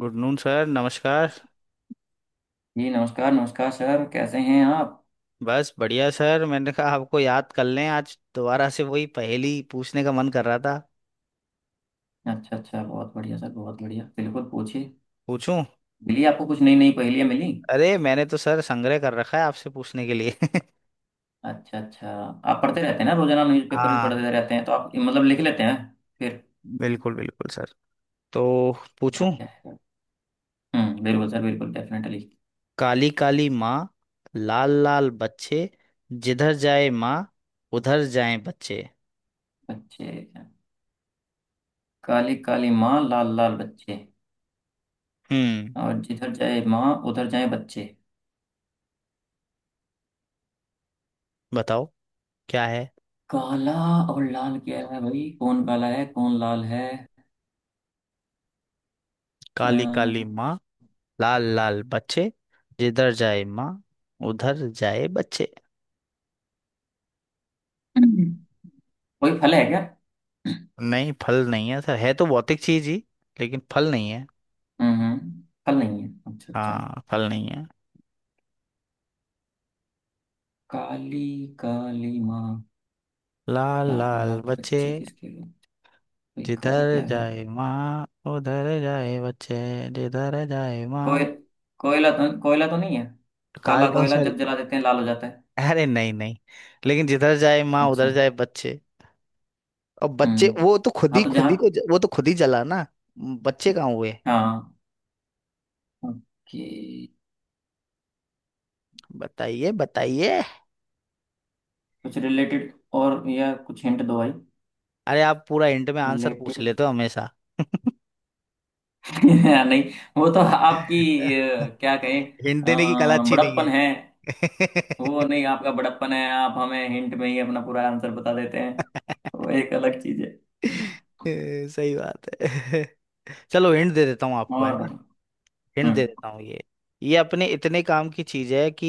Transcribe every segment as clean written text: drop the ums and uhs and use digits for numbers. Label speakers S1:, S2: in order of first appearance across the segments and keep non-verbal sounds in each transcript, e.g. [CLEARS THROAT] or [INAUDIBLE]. S1: Good noon sir, नमस्कार।
S2: जी नमस्कार। नमस्कार सर, कैसे हैं आप?
S1: बस बढ़िया सर, मैंने कहा आपको याद कर लें, आज दोबारा से वही पहेली पूछने का मन कर रहा था।
S2: अच्छा अच्छा, बहुत बढ़िया सर, बहुत बढ़िया, बिल्कुल पूछिए।
S1: पूछूं?
S2: मिली आपको कुछ नई नई पहेलियाँ मिली?
S1: अरे मैंने तो सर संग्रह कर रखा है आपसे पूछने के लिए [LAUGHS]
S2: अच्छा अच्छा। आप पढ़ते रहते हैं ना, रोजाना न्यूज़पेपर भी
S1: हाँ,
S2: पढ़ते रहते हैं, तो आप मतलब लिख लेते हैं फिर।
S1: बिल्कुल बिल्कुल सर। तो पूछूं।
S2: बढ़िया है। हम्म, बिल्कुल सर, बिल्कुल डेफिनेटली।
S1: काली काली माँ, लाल लाल बच्चे, जिधर जाए माँ उधर जाए बच्चे।
S2: बच्चे। काली काली माँ, लाल लाल बच्चे,
S1: हम्म।
S2: और जिधर जाए माँ उधर जाए बच्चे।
S1: बताओ क्या है।
S2: काला और लाल क्या है भाई? कौन काला है, कौन लाल है?
S1: काली काली
S2: अ,
S1: माँ, लाल लाल बच्चे, जिधर जाए माँ उधर जाए बच्चे।
S2: कोई फल है क्या?
S1: नहीं, फल नहीं है सर, है तो भौतिक चीज ही, लेकिन फल नहीं है।
S2: हम्म। फल नहीं है, अच्छा अच्छा।
S1: हाँ, फल नहीं है।
S2: काली काली माँ,
S1: लाल
S2: लाल
S1: लाल
S2: लाल
S1: बच्चे,
S2: बच्चे किसके लिए? भाई काला
S1: जिधर
S2: क्या है?
S1: जाए माँ उधर जाए बच्चे, जिधर जाए
S2: कोय
S1: माँ।
S2: कोयला? कोयला तो नहीं है। काला
S1: काल
S2: कोयला
S1: उसमें,
S2: जब जला देते हैं लाल हो जाता है।
S1: अरे नहीं नहीं, लेकिन जिधर जाए माँ
S2: अच्छा।
S1: उधर जाए बच्चे। और बच्चे
S2: हम्म।
S1: वो तो खुद
S2: हाँ,
S1: ही
S2: तो
S1: खुद
S2: जहाँ।
S1: ही को ज- वो तो खुद ही जला ना। बच्चे कहाँ हुए।
S2: हाँ। ओके।
S1: बताइए बताइए।
S2: कुछ रिलेटेड और, या कुछ हिंट दो भाई।
S1: अरे आप पूरा हिंट में आंसर पूछ
S2: रिलेटेड।
S1: लेते हो हमेशा।
S2: [LAUGHS] नहीं, वो तो आपकी,
S1: [LAUGHS]
S2: क्या कहें,
S1: हिंट देने की कला अच्छी नहीं
S2: बड़प्पन है। वो
S1: है। [LAUGHS]
S2: नहीं, आपका बड़प्पन है, आप हमें हिंट में ही अपना पूरा आंसर बता देते हैं। वो एक अलग चीज है।
S1: [LAUGHS] सही बात है। [LAUGHS] चलो हिंट दे देता हूँ आपको, है
S2: और
S1: ना।
S2: बताओ।
S1: हिंट दे
S2: हम्म।
S1: देता हूँ ये। ये अपने इतने काम की चीज है कि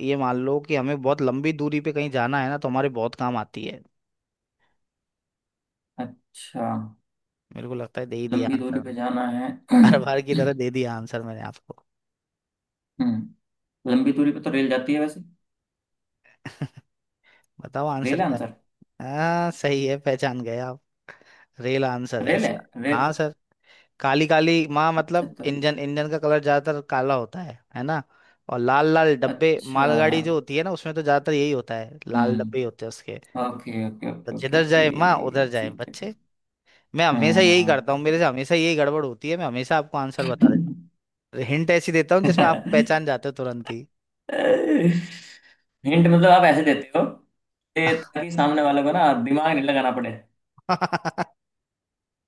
S1: ये मान लो कि हमें बहुत लंबी दूरी पे कहीं जाना है ना, तो हमारे बहुत काम आती है।
S2: अच्छा,
S1: मेरे को लगता है दे ही दिया
S2: लंबी दूरी
S1: आंसर
S2: पे
S1: मैंने।
S2: जाना है।
S1: हर बार की तरह दे दिया आंसर मैंने आपको।
S2: हम्म। लंबी दूरी पे तो रेल जाती है वैसे।
S1: [LAUGHS] बताओ आंसर
S2: रेल है
S1: क्या है।
S2: आंसर?
S1: हाँ सही है, पहचान गए आप। रियल आंसर है
S2: रेल है।
S1: इसका।
S2: रेल।
S1: हाँ सर। काली काली माँ
S2: अच्छा
S1: मतलब
S2: तो।
S1: इंजन, इंजन का कलर ज्यादातर काला होता है ना। और लाल लाल डब्बे, मालगाड़ी जो
S2: अच्छा।
S1: होती है ना, उसमें तो ज्यादातर यही होता है, लाल डब्बे ही
S2: हम्म।
S1: होते हैं उसके।
S2: ओके ओके
S1: तो
S2: ओके ओके
S1: जिधर
S2: ओके।
S1: जाए माँ उधर जाए
S2: ठीक है,
S1: बच्चे।
S2: ठीक।
S1: मैं हमेशा यही करता हूँ, मेरे
S2: हम्म।
S1: से हमेशा यही गड़बड़ होती है, मैं हमेशा आपको आंसर बता देता हूँ। हिंट ऐसी देता हूँ जिसमें आप
S2: [LAUGHS]
S1: पहचान जाते हो तुरंत ही।
S2: हिंट मतलब आप ऐसे देते हो कि ताकि सामने वाले को ना दिमाग नहीं लगाना पड़े।
S1: [LAUGHS]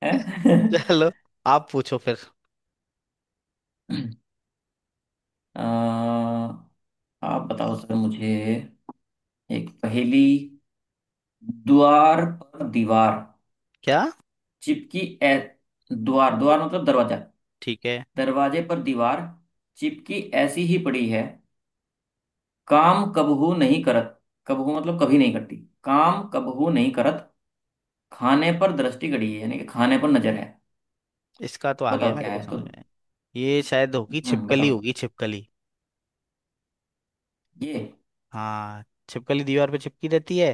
S2: हैं?
S1: चलो आप पूछो फिर।
S2: [LAUGHS] अ, आप बताओ सर मुझे एक पहेली। द्वार पर दीवार
S1: क्या।
S2: चिपकी ऐ। द्वार, द्वार मतलब दरवाजा।
S1: ठीक है।
S2: दरवाजे पर दीवार चिपकी ऐसी ही पड़ी है। काम कबहू नहीं करत। कबहू मतलब कभी नहीं करती। काम कबहू नहीं करत। खाने पर दृष्टि गड़ी है, यानी कि खाने पर नजर है।
S1: इसका तो आ गया
S2: बताओ क्या
S1: मेरे को
S2: है तो।
S1: समझ में। ये शायद होगी
S2: हम्म,
S1: छिपकली,
S2: बताओ
S1: होगी छिपकली।
S2: ये।
S1: हाँ। छिपकली दीवार पे चिपकी रहती है,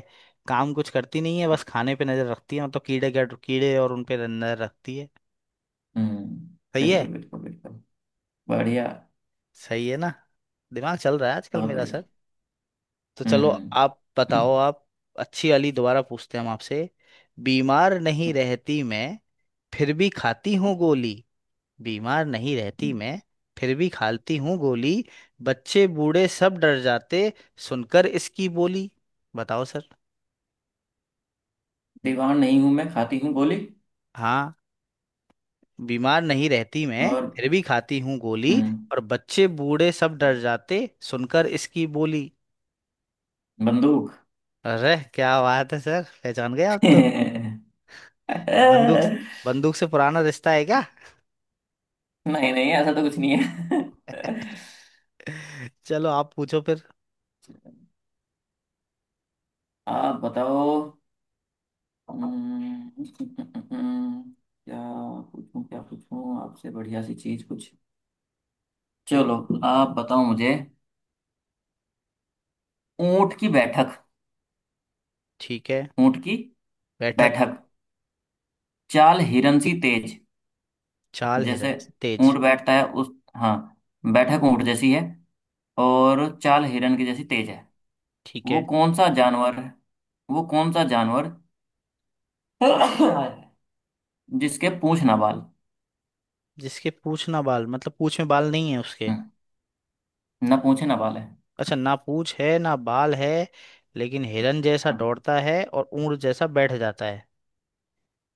S1: काम कुछ करती नहीं है, बस खाने पे नजर रखती है, मतलब कीड़े, क्या कीड़े, और उन पे नजर रखती है।
S2: हम्म,
S1: सही है।
S2: बिल्कुल बिल्कुल बिल्कुल। बढ़िया।
S1: सही है ना। दिमाग चल रहा है आजकल
S2: बहुत
S1: मेरा
S2: बढ़िया।
S1: सर। तो
S2: हम्म
S1: चलो।
S2: हम्म,
S1: आप बताओ आप। अच्छी वाली दोबारा पूछते हैं हम आपसे। बीमार नहीं
S2: हम्म,
S1: रहती मैं, फिर भी खाती हूँ गोली। बीमार नहीं रहती
S2: हम्म।
S1: मैं, फिर भी खाती हूँ गोली। बच्चे बूढ़े सब डर जाते सुनकर इसकी बोली। बताओ सर।
S2: दीवार नहीं हूं मैं खाती हूँ गोली
S1: हाँ, बीमार नहीं रहती मैं
S2: और।
S1: फिर भी खाती हूँ गोली।
S2: हम्म।
S1: और बच्चे बूढ़े सब डर जाते सुनकर इसकी बोली।
S2: बंदूक।
S1: अरे क्या बात है सर, पहचान गए आप तो।
S2: [LAUGHS]
S1: बंदूक। बंदूक से पुराना रिश्ता है क्या।
S2: नहीं नहीं, ऐसा तो कुछ नहीं है।
S1: [LAUGHS] चलो आप पूछो फिर।
S2: आप बताओ। हम्म, क्या पूछूं? क्या पूछूं आपसे बढ़िया सी चीज कुछ?
S1: पूछ।
S2: चलो,
S1: तो
S2: आप बताओ मुझे। ऊंट की बैठक।
S1: ठीक है।
S2: ऊंट की
S1: बैठक।
S2: बैठक। चाल हिरन सी तेज।
S1: चाल हिरण
S2: जैसे
S1: से तेज।
S2: ऊंट बैठता है उस, हाँ, बैठक ऊंट जैसी है, और चाल हिरन की जैसी तेज है।
S1: ठीक
S2: वो
S1: है।
S2: कौन सा जानवर है? वो कौन सा जानवर। [COUGHS] जिसके पूंछ ना बाल।
S1: जिसके पूछ ना बाल मतलब पूछ में बाल नहीं है उसके।
S2: हम्म, ना पूंछे ना बाल है।
S1: अच्छा, ना पूछ है ना बाल है, लेकिन हिरन जैसा
S2: हम्म,
S1: दौड़ता है और ऊंट जैसा बैठ जाता है।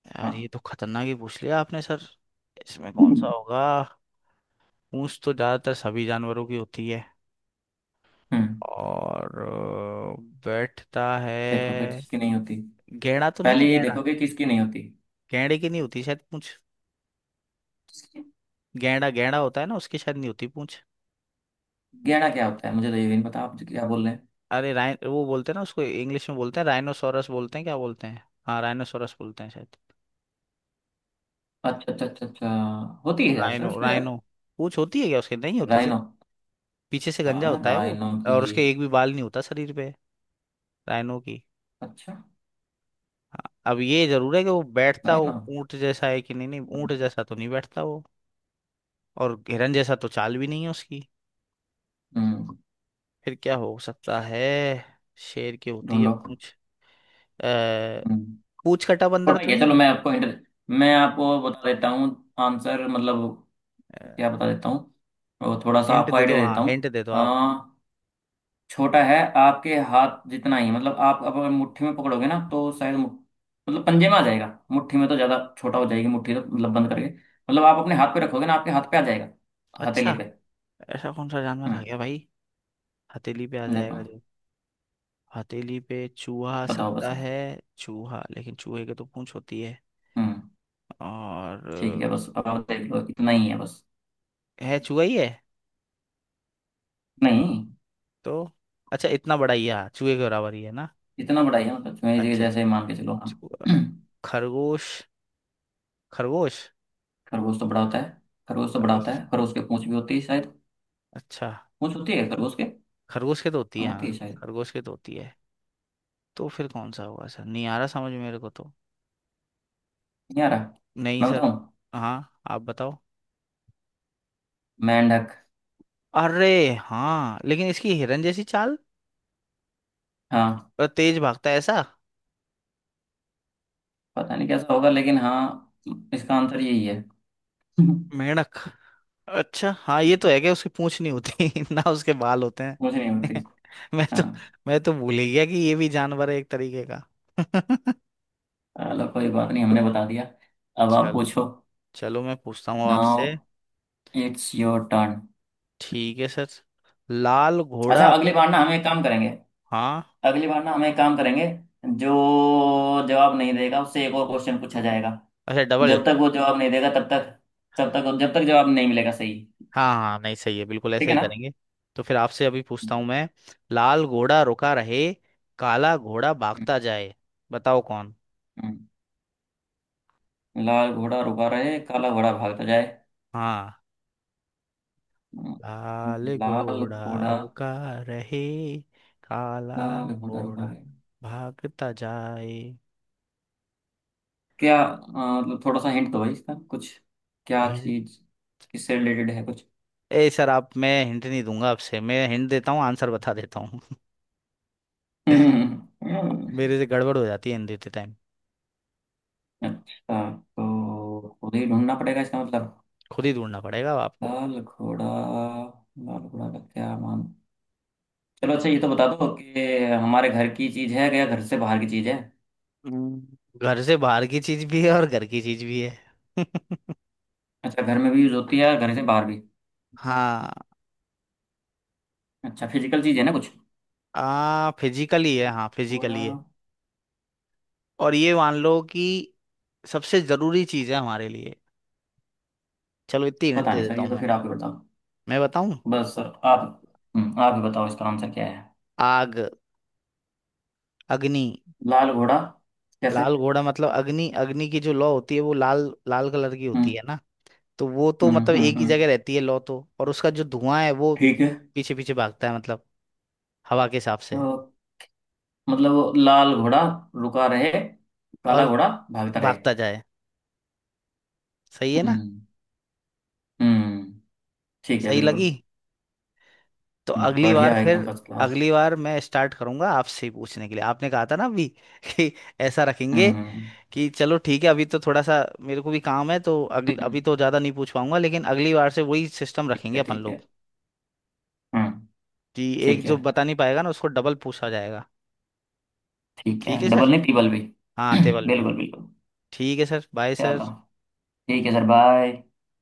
S1: यार ये
S2: हाँ।
S1: तो खतरनाक ही पूछ लिया आपने सर। इसमें कौन सा होगा। पूंछ तो ज्यादातर सभी जानवरों की होती है।
S2: हम्म।
S1: और बैठता
S2: देखो फिर
S1: है।
S2: जिसकी नहीं होती।
S1: गैंडा तो नहीं है,
S2: पहले ये
S1: गैंडा।
S2: देखो कि किसकी नहीं होती।
S1: गैंडे की नहीं होती शायद पूंछ।
S2: किसकी?
S1: गैंडा, गैंडा होता है ना, उसकी शायद नहीं होती पूंछ।
S2: गहना क्या होता है? मुझे तो ये भी नहीं पता आप क्या बोल रहे हैं।
S1: अरे राइन, वो बोलते हैं ना उसको, इंग्लिश में बोलते हैं राइनोसोरस बोलते हैं, क्या बोलते हैं, हाँ राइनोसोरस बोलते हैं शायद।
S2: अच्छा अच्छा अच्छा अच्छा, होती है यार सर
S1: राइनो,
S2: उसमें, यार।
S1: राइनो। पूंछ होती है क्या उसके, नहीं होती सर।
S2: राइनो।
S1: पीछे से गंजा
S2: हाँ,
S1: होता है वो।
S2: राइनो की।
S1: और उसके एक भी बाल नहीं होता शरीर पे। राइनो की।
S2: अच्छा।
S1: हाँ, अब ये जरूर है कि वो बैठता, वो
S2: राइनो।
S1: ऊंट जैसा है कि नहीं, नहीं
S2: हम्म।
S1: ऊंट जैसा तो नहीं बैठता वो। और हिरन जैसा तो चाल भी नहीं है उसकी।
S2: हम्म,
S1: फिर क्या हो सकता है। शेर की होती है
S2: ढूंढो।
S1: पूंछ। अ,
S2: हम्म।
S1: पूंछ कटा बंदर
S2: छोटा
S1: तो
S2: ही है।
S1: नहीं
S2: चलो
S1: है।
S2: मैं आपको इंटर, मैं आपको बता देता हूँ आंसर, मतलब क्या बता देता हूँ, और थोड़ा सा
S1: हिंट
S2: आपको
S1: दे दो,
S2: आइडिया
S1: हाँ
S2: देता
S1: हिंट
S2: हूँ।
S1: दे दो आप।
S2: हाँ, छोटा है, आपके हाथ जितना ही, मतलब आप अब अगर मुट्ठी में पकड़ोगे ना तो शायद मतलब पंजे में आ जाएगा। मुट्ठी में तो ज्यादा छोटा हो जाएगी मुट्ठी, तो मतलब बंद करके, मतलब आप अपने हाथ पे रखोगे ना आपके हाथ पे आ जाएगा। हथेली
S1: अच्छा,
S2: पे।
S1: ऐसा कौन सा जानवर आ
S2: हम्म।
S1: गया भाई। हथेली पे आ
S2: देखो।
S1: जाएगा जो। हथेली पे चूहा आ
S2: बताओ बस
S1: सकता
S2: अब।
S1: है। चूहा, लेकिन चूहे के तो पूंछ होती है।
S2: हम्म। ठीक है
S1: और
S2: बस, अब आप देख लो, इतना ही है बस।
S1: है चूहा ही है।
S2: नहीं।
S1: तो अच्छा, इतना बड़ा ही है, हाँ, चूहे के बराबर ही है ना।
S2: इतना बड़ा ही है, मतलब मेरे
S1: अच्छा।
S2: जैसे मान के चलो हम।
S1: चूहा-
S2: [CLEARS THROAT]
S1: खरगोश। खरगोश।
S2: खरगोश तो बड़ा होता है। खरगोश तो बड़ा होता
S1: खरगोश।
S2: है, खरगोश के पूंछ भी होती है शायद।
S1: अच्छा,
S2: पूंछ होती है खरगोश के, हाँ।
S1: खरगोश के तो होती है,
S2: होती है
S1: हाँ,
S2: शायद।
S1: खरगोश के तो होती है। तो फिर कौन सा होगा सर, नहीं आ रहा समझ मेरे को तो।
S2: नहीं आ रहा।
S1: नहीं
S2: मैं
S1: सर।
S2: बताऊं?
S1: हाँ आप बताओ।
S2: मेंढक।
S1: अरे, हाँ लेकिन इसकी हिरन जैसी चाल
S2: हाँ,
S1: और तेज भागता है ऐसा।
S2: पता नहीं कैसा होगा लेकिन हाँ, इसका आंसर यही है। [LAUGHS]
S1: मेंढक। अच्छा हाँ ये तो है, क्या उसकी पूंछ नहीं होती [LAUGHS] ना उसके बाल होते हैं।
S2: कुछ नहीं होती।
S1: [LAUGHS] मैं तो,
S2: हाँ।
S1: मैं तो भूल ही गया कि ये भी जानवर है एक तरीके का। [LAUGHS]
S2: चलो कोई बात नहीं, हमने बता दिया। अब आप
S1: चल।
S2: पूछो।
S1: चलो मैं पूछता हूँ अब
S2: नाउ
S1: आपसे।
S2: It's your turn.
S1: ठीक है सर। लाल
S2: अच्छा,
S1: घोड़ा रो-।
S2: अगली बार ना हम एक काम करेंगे,
S1: हाँ।
S2: अगली बार ना हम एक काम करेंगे, जो जवाब नहीं देगा उससे एक और क्वेश्चन पूछा जाएगा।
S1: अच्छा डबल।
S2: जब तक वो जवाब नहीं देगा तब तक, तब तक जब तक जवाब नहीं मिलेगा सही।
S1: हाँ हाँ हाँ, नहीं सही है, बिल्कुल
S2: ठीक
S1: ऐसा
S2: है
S1: ही
S2: ना?
S1: करेंगे। तो फिर आपसे अभी पूछता हूँ
S2: हम्म,
S1: मैं। लाल घोड़ा रुका रहे, काला घोड़ा भागता जाए, बताओ कौन।
S2: हम्म। लाल घोड़ा रुका रहे काला घोड़ा भागता जाए।
S1: हाँ। लाल
S2: लाल
S1: घोड़ा
S2: घोड़ा,
S1: रुका रहे, काला
S2: लाल घोड़ा उभा
S1: घोड़ा
S2: है?
S1: भागता जाए।
S2: क्या मतलब थोड़ा सा हिंट दो भाई इसका कुछ। क्या
S1: हिंट?
S2: चीज? किससे रिलेटेड है कुछ?
S1: ए सर आप, मैं हिंट नहीं दूंगा आपसे, मैं हिंट देता हूँ आंसर बता देता हूँ।
S2: [LAUGHS] हम्म,
S1: [LAUGHS] मेरे से गड़बड़ हो जाती है हिंट देते टाइम।
S2: अच्छा तो खुद ही ढूंढना पड़ेगा इसका मतलब।
S1: खुद ही ढूंढना पड़ेगा अब आपको।
S2: लाल घोड़ा, लाल घोड़ा का क्या मान। चलो अच्छा, ये तो बता दो कि हमारे घर की चीज है या घर से बाहर की चीज है?
S1: हम्म, घर से बाहर की चीज भी है और घर की चीज भी है। [LAUGHS]
S2: अच्छा, घर में भी यूज होती है घर से बाहर भी।
S1: हाँ।
S2: अच्छा, फिजिकल चीज है ना कुछ?
S1: आ फिजिकली है, हाँ
S2: घोड़ा।
S1: फिजिकली है। और ये मान लो कि सबसे जरूरी चीज है हमारे लिए। चलो इतनी हिंट
S2: पता
S1: दे
S2: नहीं सर,
S1: देता
S2: ये
S1: हूँ
S2: तो
S1: मैं।
S2: फिर आप ही बताओ।
S1: मैं बताऊं?
S2: बस सर आप, आप ही बताओ इसका आंसर क्या है।
S1: आग, अग्नि।
S2: लाल घोड़ा कैसे?
S1: लाल घोड़ा मतलब अग्नि, अग्नि की जो लौ होती है वो लाल लाल कलर की होती
S2: हम्म
S1: है ना। तो वो तो
S2: हम्म
S1: मतलब
S2: हम्म
S1: एक ही
S2: हम्म,
S1: जगह रहती है लौ तो, और उसका जो धुआं है वो
S2: ठीक है।
S1: पीछे पीछे भागता है, मतलब हवा के हिसाब से।
S2: तो मतलब वो लाल घोड़ा रुका रहे, काला
S1: और
S2: घोड़ा भागता रहे।
S1: भागता जाए। सही है ना।
S2: हम्म। हम्म, ठीक है,
S1: सही
S2: बिल्कुल।
S1: लगी। तो अगली बार
S2: बढ़िया
S1: है
S2: है, एकदम
S1: फिर।
S2: First class.
S1: अगली बार मैं स्टार्ट करूंगा आपसे ही पूछने के लिए, आपने कहा था ना अभी [LAUGHS] कि ऐसा रखेंगे।
S2: हम्म हम्म,
S1: कि चलो ठीक है, अभी तो थोड़ा सा मेरे को भी काम है, तो अगली
S2: हम्म, हम्म,
S1: अभी तो ज़्यादा नहीं पूछ पाऊंगा, लेकिन अगली बार से वही सिस्टम
S2: ठीक
S1: रखेंगे
S2: है
S1: अपन
S2: ठीक
S1: लोग।
S2: है। हम्म।
S1: कि एक
S2: ठीक है,
S1: जो बता नहीं पाएगा ना उसको डबल पूछा जाएगा।
S2: ठीक है,
S1: ठीक है
S2: डबल
S1: सर।
S2: नहीं ट्रिपल भी। [CLEARS THROAT]
S1: हाँ, टेबल भी।
S2: बिल्कुल बिल्कुल।
S1: ठीक है सर, बाय
S2: चलो
S1: सर।
S2: ठीक है सर, बाय।